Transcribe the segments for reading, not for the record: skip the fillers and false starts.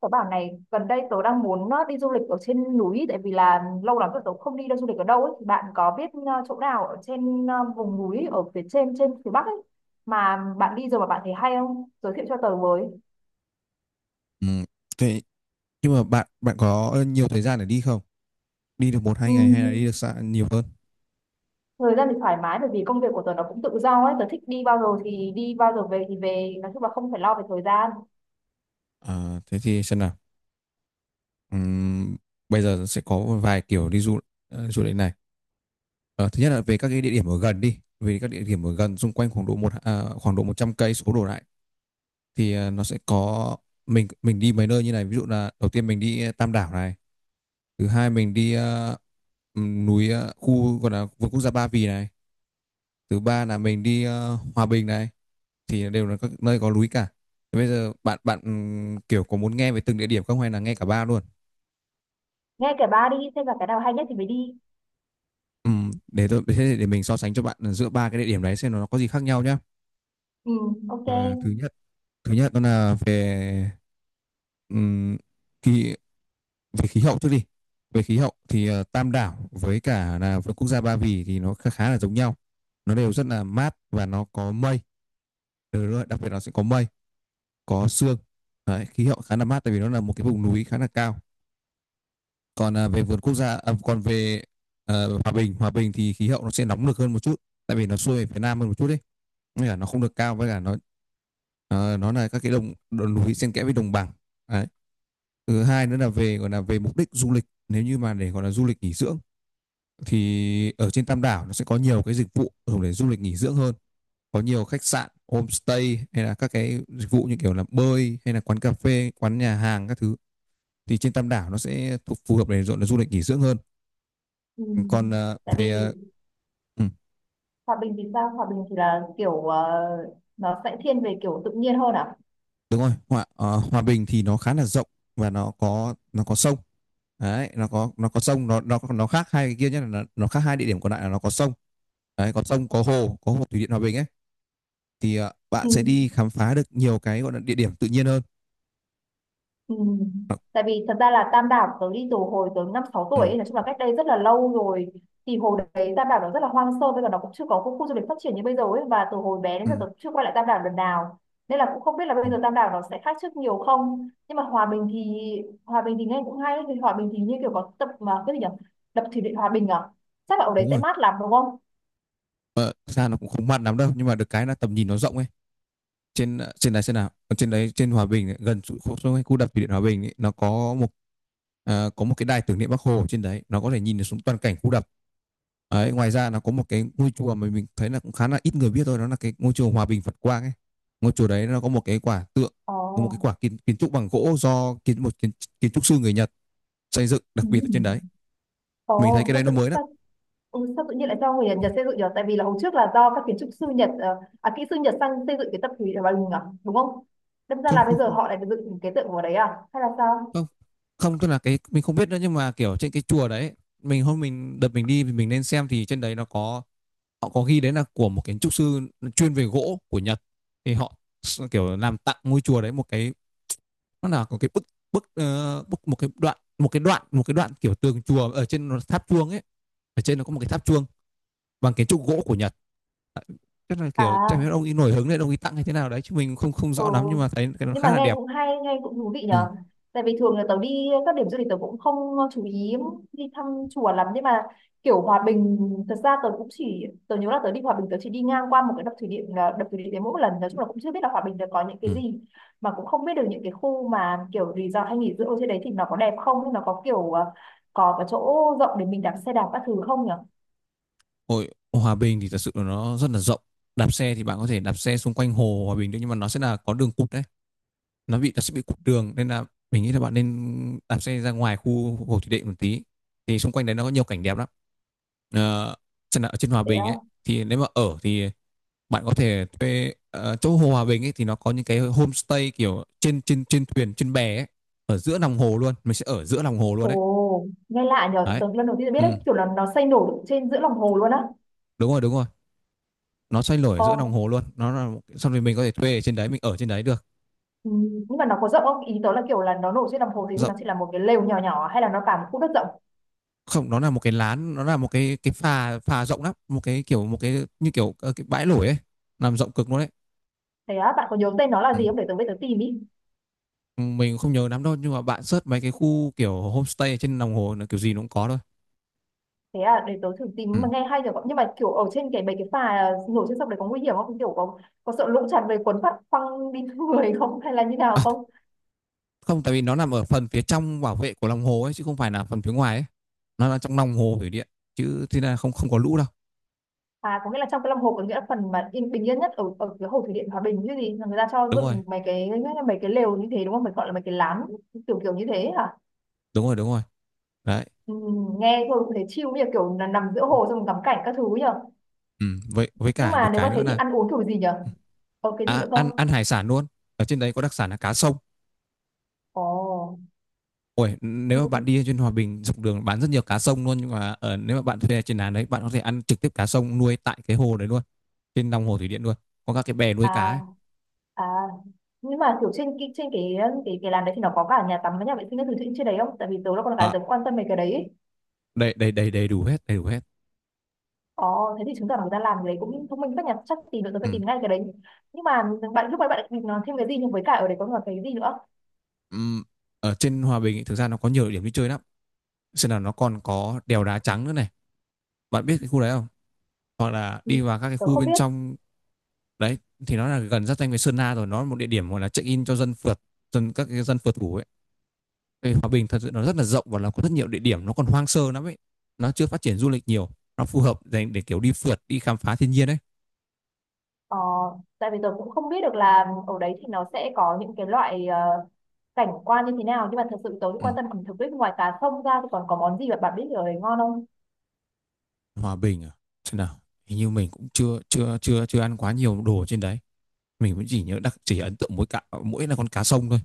Tớ bảo này, gần đây tớ đang muốn đi du lịch ở trên núi, tại vì là lâu lắm rồi tớ không đi đâu du lịch ở đâu ấy. Thì bạn có biết chỗ nào ở trên vùng núi ở phía trên trên phía Bắc ấy mà bạn đi rồi mà bạn thấy hay không? Giới thiệu cho tớ với. Ừ. Thế nhưng mà bạn bạn có nhiều thời gian để đi không? Đi được một hai ngày hay là đi Ừm, được xa nhiều hơn? Thời gian thì thoải mái, bởi vì công việc của tớ nó cũng tự do ấy, tớ thích đi bao giờ thì đi, bao giờ về thì về, nói chung là không phải lo về thời gian. À, thế thì xem nào. Ừm, Bây giờ sẽ có vài kiểu đi du lịch này. Ờ, Thứ nhất là về các cái địa điểm ở gần đi. Về các địa điểm ở gần xung quanh khoảng độ 100 cây số đổ lại, thì nó sẽ có, mình đi mấy nơi như này. Ví dụ là đầu tiên mình đi Tam Đảo này, thứ hai mình đi khu gọi là vườn quốc gia Ba Vì này, thứ ba là mình đi Hòa Bình này, thì đều là các nơi có núi cả. Thế bây giờ bạn bạn kiểu có muốn nghe về từng địa điểm không, hay là nghe cả ba luôn? Nghe kể ba đi xem là cái nào hay nhất thì mới đi. Để tôi thế Để mình so sánh cho bạn giữa ba cái địa điểm đấy, xem nó có gì khác nhau nhá. Ừ, ok. à, thứ nhất Thứ nhất đó là về ừm, kỳ về khí hậu trước đi. Về khí hậu thì Tam Đảo với cả là với quốc gia Ba Vì thì nó khá là giống nhau, nó đều rất là mát và nó có mây. Ờ, đúng rồi, đặc biệt nó sẽ có mây, có sương. Đấy, khí hậu khá là mát tại vì nó là một cái vùng núi khá là cao. Còn à, về vườn quốc gia à, còn về ờ, Hòa Bình Hòa Bình thì khí hậu nó sẽ nóng được hơn một chút, tại vì nó xuôi về phía nam hơn một chút đấy, nên là nó không được cao, với cả nó là các cái đồng núi xen kẽ với đồng bằng đấy. Thứ hai nữa là về, gọi là về mục đích du lịch, nếu như mà để gọi là du lịch nghỉ dưỡng thì ở trên Tam Đảo nó sẽ có nhiều cái dịch vụ dùng để du lịch nghỉ dưỡng hơn, có nhiều khách sạn, homestay, hay là các cái dịch vụ như kiểu là bơi, hay là quán cà phê, quán nhà hàng các thứ. Thì trên Tam Đảo nó sẽ thuộc phù hợp để gọi là du lịch nghỉ dưỡng hơn. Ừ. Còn ờ, Tại vì về ờ, Ừ, Hòa Bình thì sao? Hòa Bình thì là kiểu nó sẽ thiên về kiểu tự nhiên hơn à? đúng rồi. Hòa Bình thì nó khá là rộng, và nó có sông. Đấy, nó có sông, nó khác hai cái kia. Nhất là nó khác hai địa điểm còn lại là nó có sông đấy, có sông, có hồ, có hồ thủy điện Hòa Bình ấy. Thì bạn Ừ. sẽ đi khám phá được nhiều cái gọi là địa điểm tự nhiên hơn. Ừ. Nó- Tại vì thật ra là Tam Đảo tớ đi từ hồi tớ năm sáu ừ, tuổi ấy, nói chung là cách đây rất là lâu rồi, thì hồi đấy Tam Đảo nó rất là hoang sơ, bây giờ nó cũng chưa có khu, khu du lịch phát triển như bây giờ ấy, và từ hồi bé đến ừ, giờ tớ chưa quay lại Tam Đảo lần nào nên là cũng không biết là ừ, bây giờ Tam Đảo nó sẽ khác trước nhiều không. Nhưng mà Hòa Bình thì nghe cũng hay. Thì Hòa Bình thì như kiểu có tập mà cái gì nhỉ, đập thủy điện Hòa Bình à, chắc là ở đấy đúng sẽ rồi. mát lắm đúng không? Ờ, thực ra nó cũng không mặn lắm đâu, nhưng mà được cái là tầm nhìn nó rộng ấy. Trên trên đấy trên nào Ở trên đấy, trên Hòa Bình ấy, gần khu đập thủy điện Hòa Bình ấy, nó có có một cái đài tưởng niệm Bác Hồ ở trên đấy, nó có thể nhìn được xuống toàn cảnh khu đập đấy. Ngoài ra nó có một cái ngôi chùa mà mình thấy là cũng khá là ít người biết thôi, đó là cái ngôi chùa Hòa Bình Phật Quang ấy. Ngôi chùa đấy nó có một cái quả tượng, có một Ồ. cái quả kiến trúc bằng gỗ do kiến trúc sư người Nhật xây dựng đặc Ừ. biệt ở trên đấy. Mình thấy Ồ, cái đấy nó mới lắm. Ừ, sao tự nhiên lại do người Nhật xây dựng nhỉ? Tại vì là hồi trước là do các kiến trúc sư Nhật kỹ sư Nhật sang xây dựng cái tập thủy ở Bà Lùng à, đúng không? Đâm ra Không, là bây không, giờ không, họ lại dựng cái tượng vào đấy à? Hay là sao? không, tức là cái mình không biết nữa, nhưng mà kiểu trên cái chùa đấy, mình đi thì mình nên xem, thì trên đấy nó có, họ có ghi đấy là của một kiến trúc sư chuyên về gỗ của Nhật. Thì họ kiểu làm tặng ngôi chùa đấy một cái, nó là có cái bức bức ờ, bức, một cái đoạn một cái đoạn một cái đoạn kiểu tường chùa ở trên tháp chuông ấy. Ở trên nó có một cái tháp chuông bằng kiến trúc gỗ của Nhật. Chắc là chắc À, là ông ấy nổi hứng đấy, ông ấy tặng hay thế nào đấy, chứ mình không không ừ. rõ lắm, nhưng mà thấy cái nó Nhưng mà khá là nghe đẹp. cũng hay, nghe cũng thú vị Ừ. nhở. Tại vì thường là tớ đi các điểm du lịch tớ cũng không chú ý đi thăm chùa lắm, nhưng mà kiểu Hòa Bình, thật ra tớ cũng chỉ tớ nhớ là tớ đi Hòa Bình tớ chỉ đi ngang qua một cái đập thủy điện, là đập thủy điện đấy mỗi một lần, nói chung là cũng chưa biết là Hòa Bình nó có những cái Ừ. gì, mà cũng không biết được những cái khu mà kiểu resort hay nghỉ dưỡng ở trên đấy thì nó có đẹp không, hay nó có kiểu có cái chỗ rộng để mình đạp xe đạp các thứ không nhở? Hội Hòa Bình thì thật sự là nó rất là rộng, đạp xe thì bạn có thể đạp xe xung quanh hồ Hòa Bình được, nhưng mà nó sẽ là có đường cụt đấy. Nó sẽ bị cụt đường, nên là mình nghĩ là bạn nên đạp xe ra ngoài khu Hồ Thủy Điện một tí, thì xung quanh đấy nó có nhiều cảnh đẹp lắm. Ờ, Chẳng hạn ở trên Hòa Thế Bình ấy, không? thì nếu mà ở thì bạn có thể thuê, chỗ hồ Hòa Bình ấy, thì nó có những cái homestay kiểu trên trên trên thuyền, trên bè ấy, ở giữa lòng hồ luôn, mình sẽ ở giữa lòng hồ luôn đấy. Ồ, nghe lạ nhở, Đấy. tớ lần đầu tiên biết Ừ, đấy, kiểu là nó xây nổi trên giữa lòng hồ luôn á. đúng rồi, đúng rồi. Nó xoay nổi ở giữa lòng Ồ, hồ luôn. Nó là xong rồi mình có thể thuê ở trên đấy, mình ở trên đấy được. ừ, nhưng mà nó có rộng không? Ý tớ là kiểu là nó nổi trên đồng hồ thì nó Rộng. chỉ là một cái lều nhỏ nhỏ, hay là nó cả một khu đất rộng? Không, nó là một cái lán, nó là một cái phà phà rộng lắm, một cái kiểu một cái như kiểu cái bãi lủi ấy, làm rộng cực luôn đấy. Thế á, bạn có nhớ tên nó là Ừ. gì không? Để tớ về tớ tìm ý. Mình không nhớ lắm đâu, nhưng mà bạn search mấy cái khu kiểu homestay ở trên lòng hồ là kiểu gì nó cũng có thôi. Thế à, để tớ thử tìm, mà Ừ. nghe hay rồi. Nhưng mà kiểu ở trên cái mấy cái phà nổi trên sông đấy có nguy hiểm không? Kiểu có sợ lũ tràn về cuốn phát phăng đi người không? Hay là như nào không? Không, tại vì nó nằm ở phần phía trong bảo vệ của lòng hồ ấy, chứ không phải là phần phía ngoài ấy. Nó là trong lòng hồ thủy điện, chứ thế là không, không có lũ đâu. À, có nghĩa là trong cái lòng hồ, có nghĩa là phần mà yên bình yên nhất ở ở cái hồ thủy điện Hòa Bình chứ gì, là người ta cho Đúng rồi, dựng mấy cái lều như thế đúng không? Phải gọi là mấy cái lán kiểu kiểu như thế hả? đúng rồi, đúng rồi. Đấy. Ừ, nghe thôi cũng thấy chill, như kiểu là nằm giữa hồ xong ngắm cảnh các thứ nhỉ? Ừ, với Nhưng cả mà được nếu mà cái thế nữa thì là, ăn uống kiểu gì nhở, có cái gì à, nữa ăn không? ăn hải sản luôn. Ở trên đấy có đặc sản là cá sông. Ồ. Ôi, nếu mà bạn Ừ. đi trên Hòa Bình, dọc đường bán rất nhiều cá sông luôn, nhưng mà ở, nếu mà bạn thuê trên làn đấy, bạn có thể ăn trực tiếp cá sông nuôi tại cái hồ đấy luôn. Trên lòng hồ thủy điện luôn, có các cái bè nuôi cá À, ấy. à, nhưng mà kiểu trên cái làm đấy thì nó có cả nhà tắm với nhà vệ sinh các thứ trên trên đấy không, tại vì tớ là con gái tớ À, cũng quan tâm về cái đấy ấy. đầy đầy đầy đầy đủ hết, đầy đủ hết. Ồ, thế thì chứng tỏ là người ta làm cái đấy cũng thông minh, các nhà chắc tìm được, tớ phải Ừ. tìm ngay cái đấy. Nhưng mà bạn lúc nãy bạn định nói thêm cái gì, nhưng với cả ở đấy có còn cái gì nữa? Ừ. Ở trên Hòa Bình ấy, thực ra nó có nhiều địa điểm đi chơi lắm. Xem nào, nó còn có đèo Đá Trắng nữa này, bạn biết cái khu đấy không? Hoặc là Ừ, đi vào các cái tớ khu không bên biết. trong đấy, thì nó là gần giáp danh với Sơn La rồi, nó là một địa điểm gọi là check in cho dân phượt, dân các cái dân phượt ngủ ấy. Vì Hòa Bình thật sự nó rất là rộng, và nó có rất nhiều địa điểm, nó còn hoang sơ lắm ấy, nó chưa phát triển du lịch nhiều, nó phù hợp dành để kiểu đi phượt, đi khám phá thiên nhiên đấy. Ờ, tại vì tôi cũng không biết được là ở đấy thì nó sẽ có những cái loại cảnh quan như thế nào, nhưng mà thật sự tôi cũng Ừ. quan tâm ẩm thực ấy, ngoài cá sông ra thì còn có món gì mà bạn biết ở đấy ngon không? Hòa Bình à, thế nào, hình như mình cũng chưa chưa chưa chưa ăn quá nhiều đồ trên đấy. Mình cũng chỉ nhớ, chỉ ấn tượng mỗi là con cá sông thôi.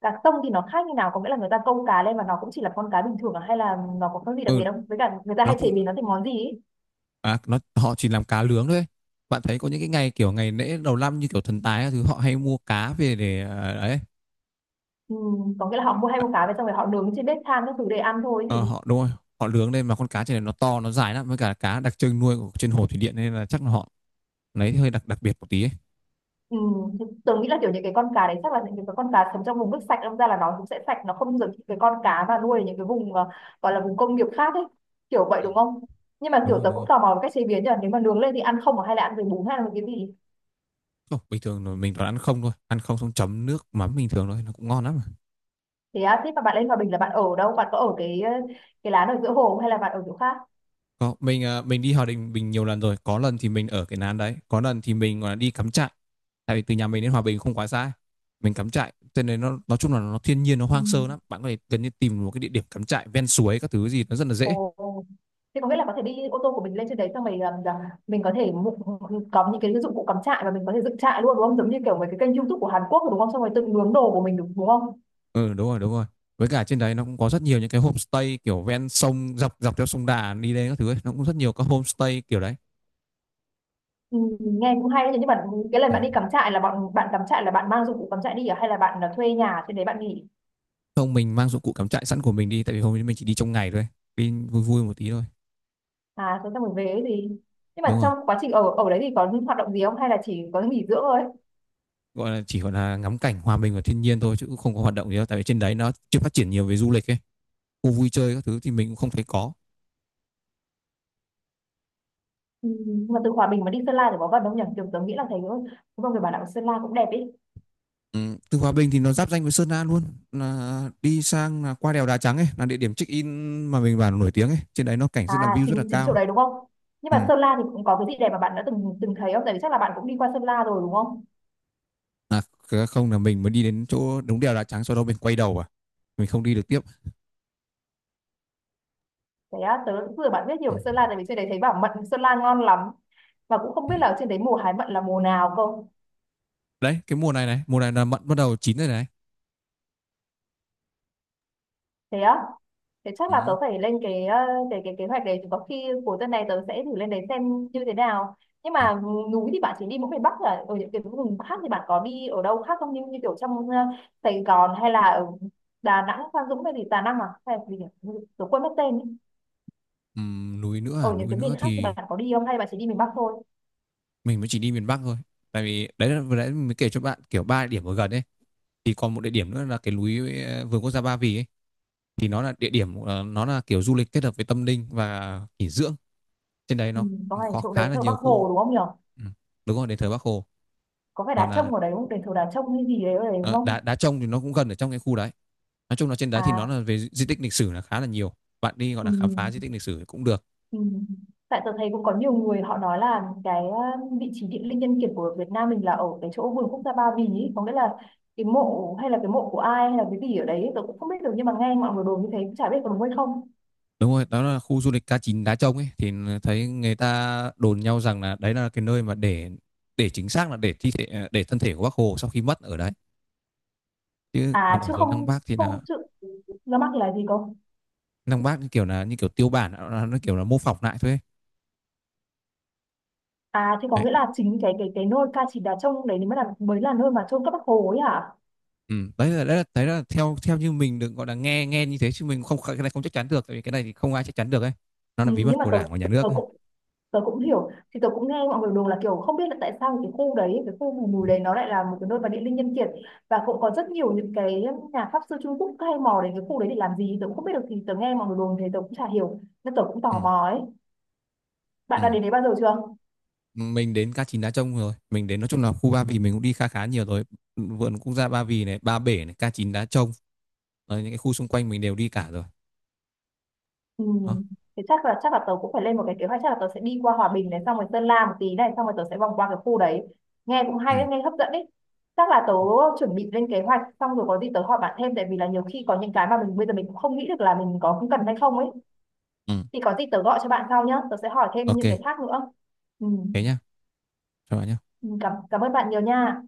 Cá sông thì nó khác như nào, có nghĩa là người ta câu cá lên và nó cũng chỉ là con cá bình thường à? Hay là nó có cái gì đặc Ừ. biệt không, với cả người ta Nó hay cũng, chế biến nó thành món gì ấy? à, nó họ chỉ làm cá lướng thôi. Bạn thấy có những cái ngày kiểu ngày lễ đầu năm như kiểu Thần Tài thứ, họ hay mua cá về để, à, đấy. Ừ, có nghĩa là họ mua hay mua cá về xong rồi họ nướng trên bếp than các thứ để ăn thôi ấy Ờ, gì. họ, đúng rồi, họ lướng lên, mà con cá trên này nó to, nó dài lắm, với cả cá đặc trưng nuôi của trên hồ thủy điện, nên là chắc là họ lấy hơi đặc đặc biệt một tí ấy. Ừ, thì tớ nghĩ là kiểu những cái con cá đấy chắc là những cái con cá sống trong vùng nước sạch, đâm ra là nó cũng sẽ sạch, nó không giống những cái con cá mà nuôi ở những cái vùng gọi là vùng công nghiệp khác ấy, kiểu vậy Ừ. đúng không? Nhưng mà Đúng kiểu rồi, tớ đúng cũng rồi. tò mò về cách chế biến nhỉ, nếu mà nướng lên thì ăn không à? Hay là ăn với bún hay là với cái gì? Không, bình thường rồi mình toàn ăn không thôi, ăn không xong chấm nước mắm bình thường thôi, nó cũng ngon lắm mà. Thế à, thế mà bạn lên Hòa Bình là bạn ở đâu, bạn có ở cái cái lán ở giữa hồ không, hay là bạn ở chỗ khác? Có. Mình đi Hòa Bình mình nhiều lần rồi, có lần thì mình ở cái lán đấy, có lần thì mình gọi là đi cắm trại, tại vì từ nhà mình đến Hòa Bình không quá xa. Mình cắm trại, cho nên nó nói chung là nó thiên nhiên, nó Ừ. hoang sơ lắm, bạn có thể gần như tìm một cái địa điểm cắm trại ven suối các thứ gì, nó rất là dễ. Ồ, ồ. Thế có nghĩa là có thể đi ô tô của mình lên trên đấy xong mình làm, mình có thể có những cái dụng cụ cắm trại và mình có thể dựng trại luôn đúng không, giống như kiểu mấy cái kênh YouTube của Hàn Quốc rồi đúng không, xong rồi tự nướng đồ của mình đúng đúng không? Ừ, đúng rồi, đúng rồi. Với cả trên đấy nó cũng có rất nhiều những cái homestay kiểu ven sông, dọc dọc theo sông Đà đi lên các thứ ấy. Nó cũng rất nhiều các homestay kiểu đấy. Ừ, nghe cũng hay đấy. Thế nhưng mà cái lần Ừ. bạn đi cắm trại là bọn bạn cắm trại là bạn mang dụng cụ cắm trại đi à? Hay là bạn là thuê nhà trên đấy bạn nghỉ? Không, mình mang dụng cụ cắm trại sẵn của mình đi, tại vì hôm nay mình chỉ đi trong ngày thôi. Đi vui vui một tí thôi. À thế xong rồi về ấy gì, nhưng mà Đúng rồi. trong quá trình ở ở đấy thì có những hoạt động gì không, hay là chỉ có nghỉ dưỡng thôi? Gọi là chỉ gọi là ngắm cảnh, hòa mình vào thiên nhiên thôi, chứ cũng không có hoạt động gì đâu, tại vì trên đấy nó chưa phát triển nhiều về du lịch ấy. Khu vui chơi các thứ thì mình cũng không thấy có. Ừ, mà từ Hòa Bình mà đi Sơn La thì có vận động nhỉ, kiểu tớ nghĩ là thấy đúng không, người Bảo Đạo Sơn La cũng đẹp ý. Ừ, từ Hòa Bình thì nó giáp danh với Sơn La luôn, là đi sang là qua đèo Đá Trắng ấy, là địa điểm check in mà mình bảo là nổi tiếng ấy, trên đấy nó cảnh rất là, À view rất là chính chính chỗ cao. đấy đúng không. Nhưng Ừ. mà Sơn La thì cũng có cái gì đẹp mà bạn đã từng từng thấy không, tại vì chắc là bạn cũng đi qua Sơn La rồi đúng không? À, không, là mình mới đi đến chỗ đúng đèo Đá Trắng, sau đó mình quay đầu, à, mình không đi được tiếp. Thế á, tớ cũng vừa bạn biết nhiều Ừ. về Sơn La, tại vì trên đấy thấy bảo mận Sơn La ngon lắm, và cũng không Ừ. biết là trên đấy mùa hái mận là mùa nào cơ. Đấy, cái mùa này này, mùa này là mận bắt đầu chín rồi này. Thế á. Thế chắc là tớ Ừ. phải lên cái cái kế hoạch đấy, thì có khi cuối tuần này tớ sẽ thử lên đấy xem như thế nào. Nhưng Ừ. mà núi thì bạn chỉ đi mỗi miền Bắc, là ở những cái vùng khác thì bạn có đi ở đâu khác không, như như kiểu trong Sài Gòn hay là ở Đà Nẵng, Phan Dũng hay gì, Đà Nẵng à hay là gì nhỉ? Tớ quên mất tên ấy. Núi nữa Ở à, những núi cái miền nữa khác thì bạn thì có đi không hay bạn chỉ đi miền Bắc thôi? mình mới chỉ đi miền Bắc thôi. Tại vì đấy là vừa nãy mới kể cho bạn kiểu ba địa điểm ở gần ấy. Thì còn một địa điểm nữa là cái núi, vườn quốc gia Ba Vì ấy. Thì nó là địa điểm, nó là kiểu du lịch kết hợp với tâm linh và nghỉ dưỡng. Trên đấy Ừ, nó có phải có chỗ đấy khá là thờ Bác nhiều Hồ khu. đúng không nhỉ? Ừ, đúng rồi, đền thờ Bác Hồ. Có phải Còn đá là, trông ở đấy không? Đền thờ đá trông hay gì đấy ở đấy đúng ờ, không? đá đá trông thì nó cũng gần ở trong cái khu đấy. Nói chung là trên đấy thì nó À, là về di tích lịch sử là khá là nhiều, bạn đi gọi ừ. là khám phá di tích lịch sử cũng được. Ừ. Tại tôi thấy cũng có nhiều người họ nói là cái vị trí địa linh nhân kiệt của Việt Nam mình là ở cái chỗ vườn quốc gia Ba Vì ý. Có nghĩa là cái mộ hay là cái mộ của ai hay là cái gì ở đấy tôi cũng không biết được, nhưng mà nghe mọi người đồn như thế cũng chả biết có đúng hay không. Đúng rồi, đó là khu du lịch K9 Đá Trông ấy, thì thấy người ta đồn nhau rằng là đấy là cái nơi mà để chính xác là để thi thể, à, để thân thể của Bác Hồ sau khi mất ở đấy. Chứ À còn ở chứ dưới Lăng không, Bác thì không là, chứ, nó mắc là gì không? Lăng Bác như kiểu là như kiểu tiêu bản, nó kiểu là mô phỏng lại thôi ấy. À thì có Đấy, nghĩa là chính cái cái nơi ca chỉ đá trông đấy mới là nơi mà chôn các bác Hồ ấy hả? ừ, đấy là theo theo như mình được gọi là nghe nghe như thế, chứ mình không, cái này không chắc chắn được, tại vì cái này thì không ai chắc chắn được ấy. Nó là Ừ, bí nhưng mật mà của Đảng và nhà nước tôi ấy. cũng tớ cũng hiểu, thì tớ cũng nghe mọi người đồn là kiểu không biết là tại sao cái khu đấy cái khu vùng núi đấy nó lại là một cái nơi mà địa linh nhân kiệt, và cũng có rất nhiều những cái nhà pháp sư Trung Quốc hay mò đến cái khu đấy để làm gì tớ cũng không biết được, thì tớ nghe mọi người đồn thế tớ cũng chả hiểu nên tớ cũng tò Ừ. mò ấy. Bạn đã Ừ. đến đấy bao giờ chưa? Mình đến K9 Đá Trông rồi, mình đến, nói chung là, khu Ba Vì mình cũng đi khá khá nhiều rồi. Vườn quốc gia Ba Vì này, Ba Bể này, K9 Đá Trông. Ờ, những cái khu xung quanh mình đều đi cả rồi. Ừ. Đó. Thế chắc là tớ cũng phải lên một cái kế hoạch, chắc là tớ sẽ đi qua Hòa Bình này, xong rồi Sơn La một tí này, xong rồi tớ sẽ vòng qua cái khu đấy. Nghe cũng hay Ừ, đấy, nghe hấp dẫn đấy. Chắc là tớ chuẩn bị lên kế hoạch xong rồi có gì tớ hỏi bạn thêm, tại vì là nhiều khi có những cái mà mình bây giờ mình cũng không nghĩ được là mình có cần hay không ấy. ừ. Thì có gì tớ gọi cho bạn sau nhé, tớ sẽ hỏi thêm OK. những cái khác nữa. Ừ, Thế nhá, cho bạn nhá. Ừ, cảm cảm ơn bạn nhiều nha.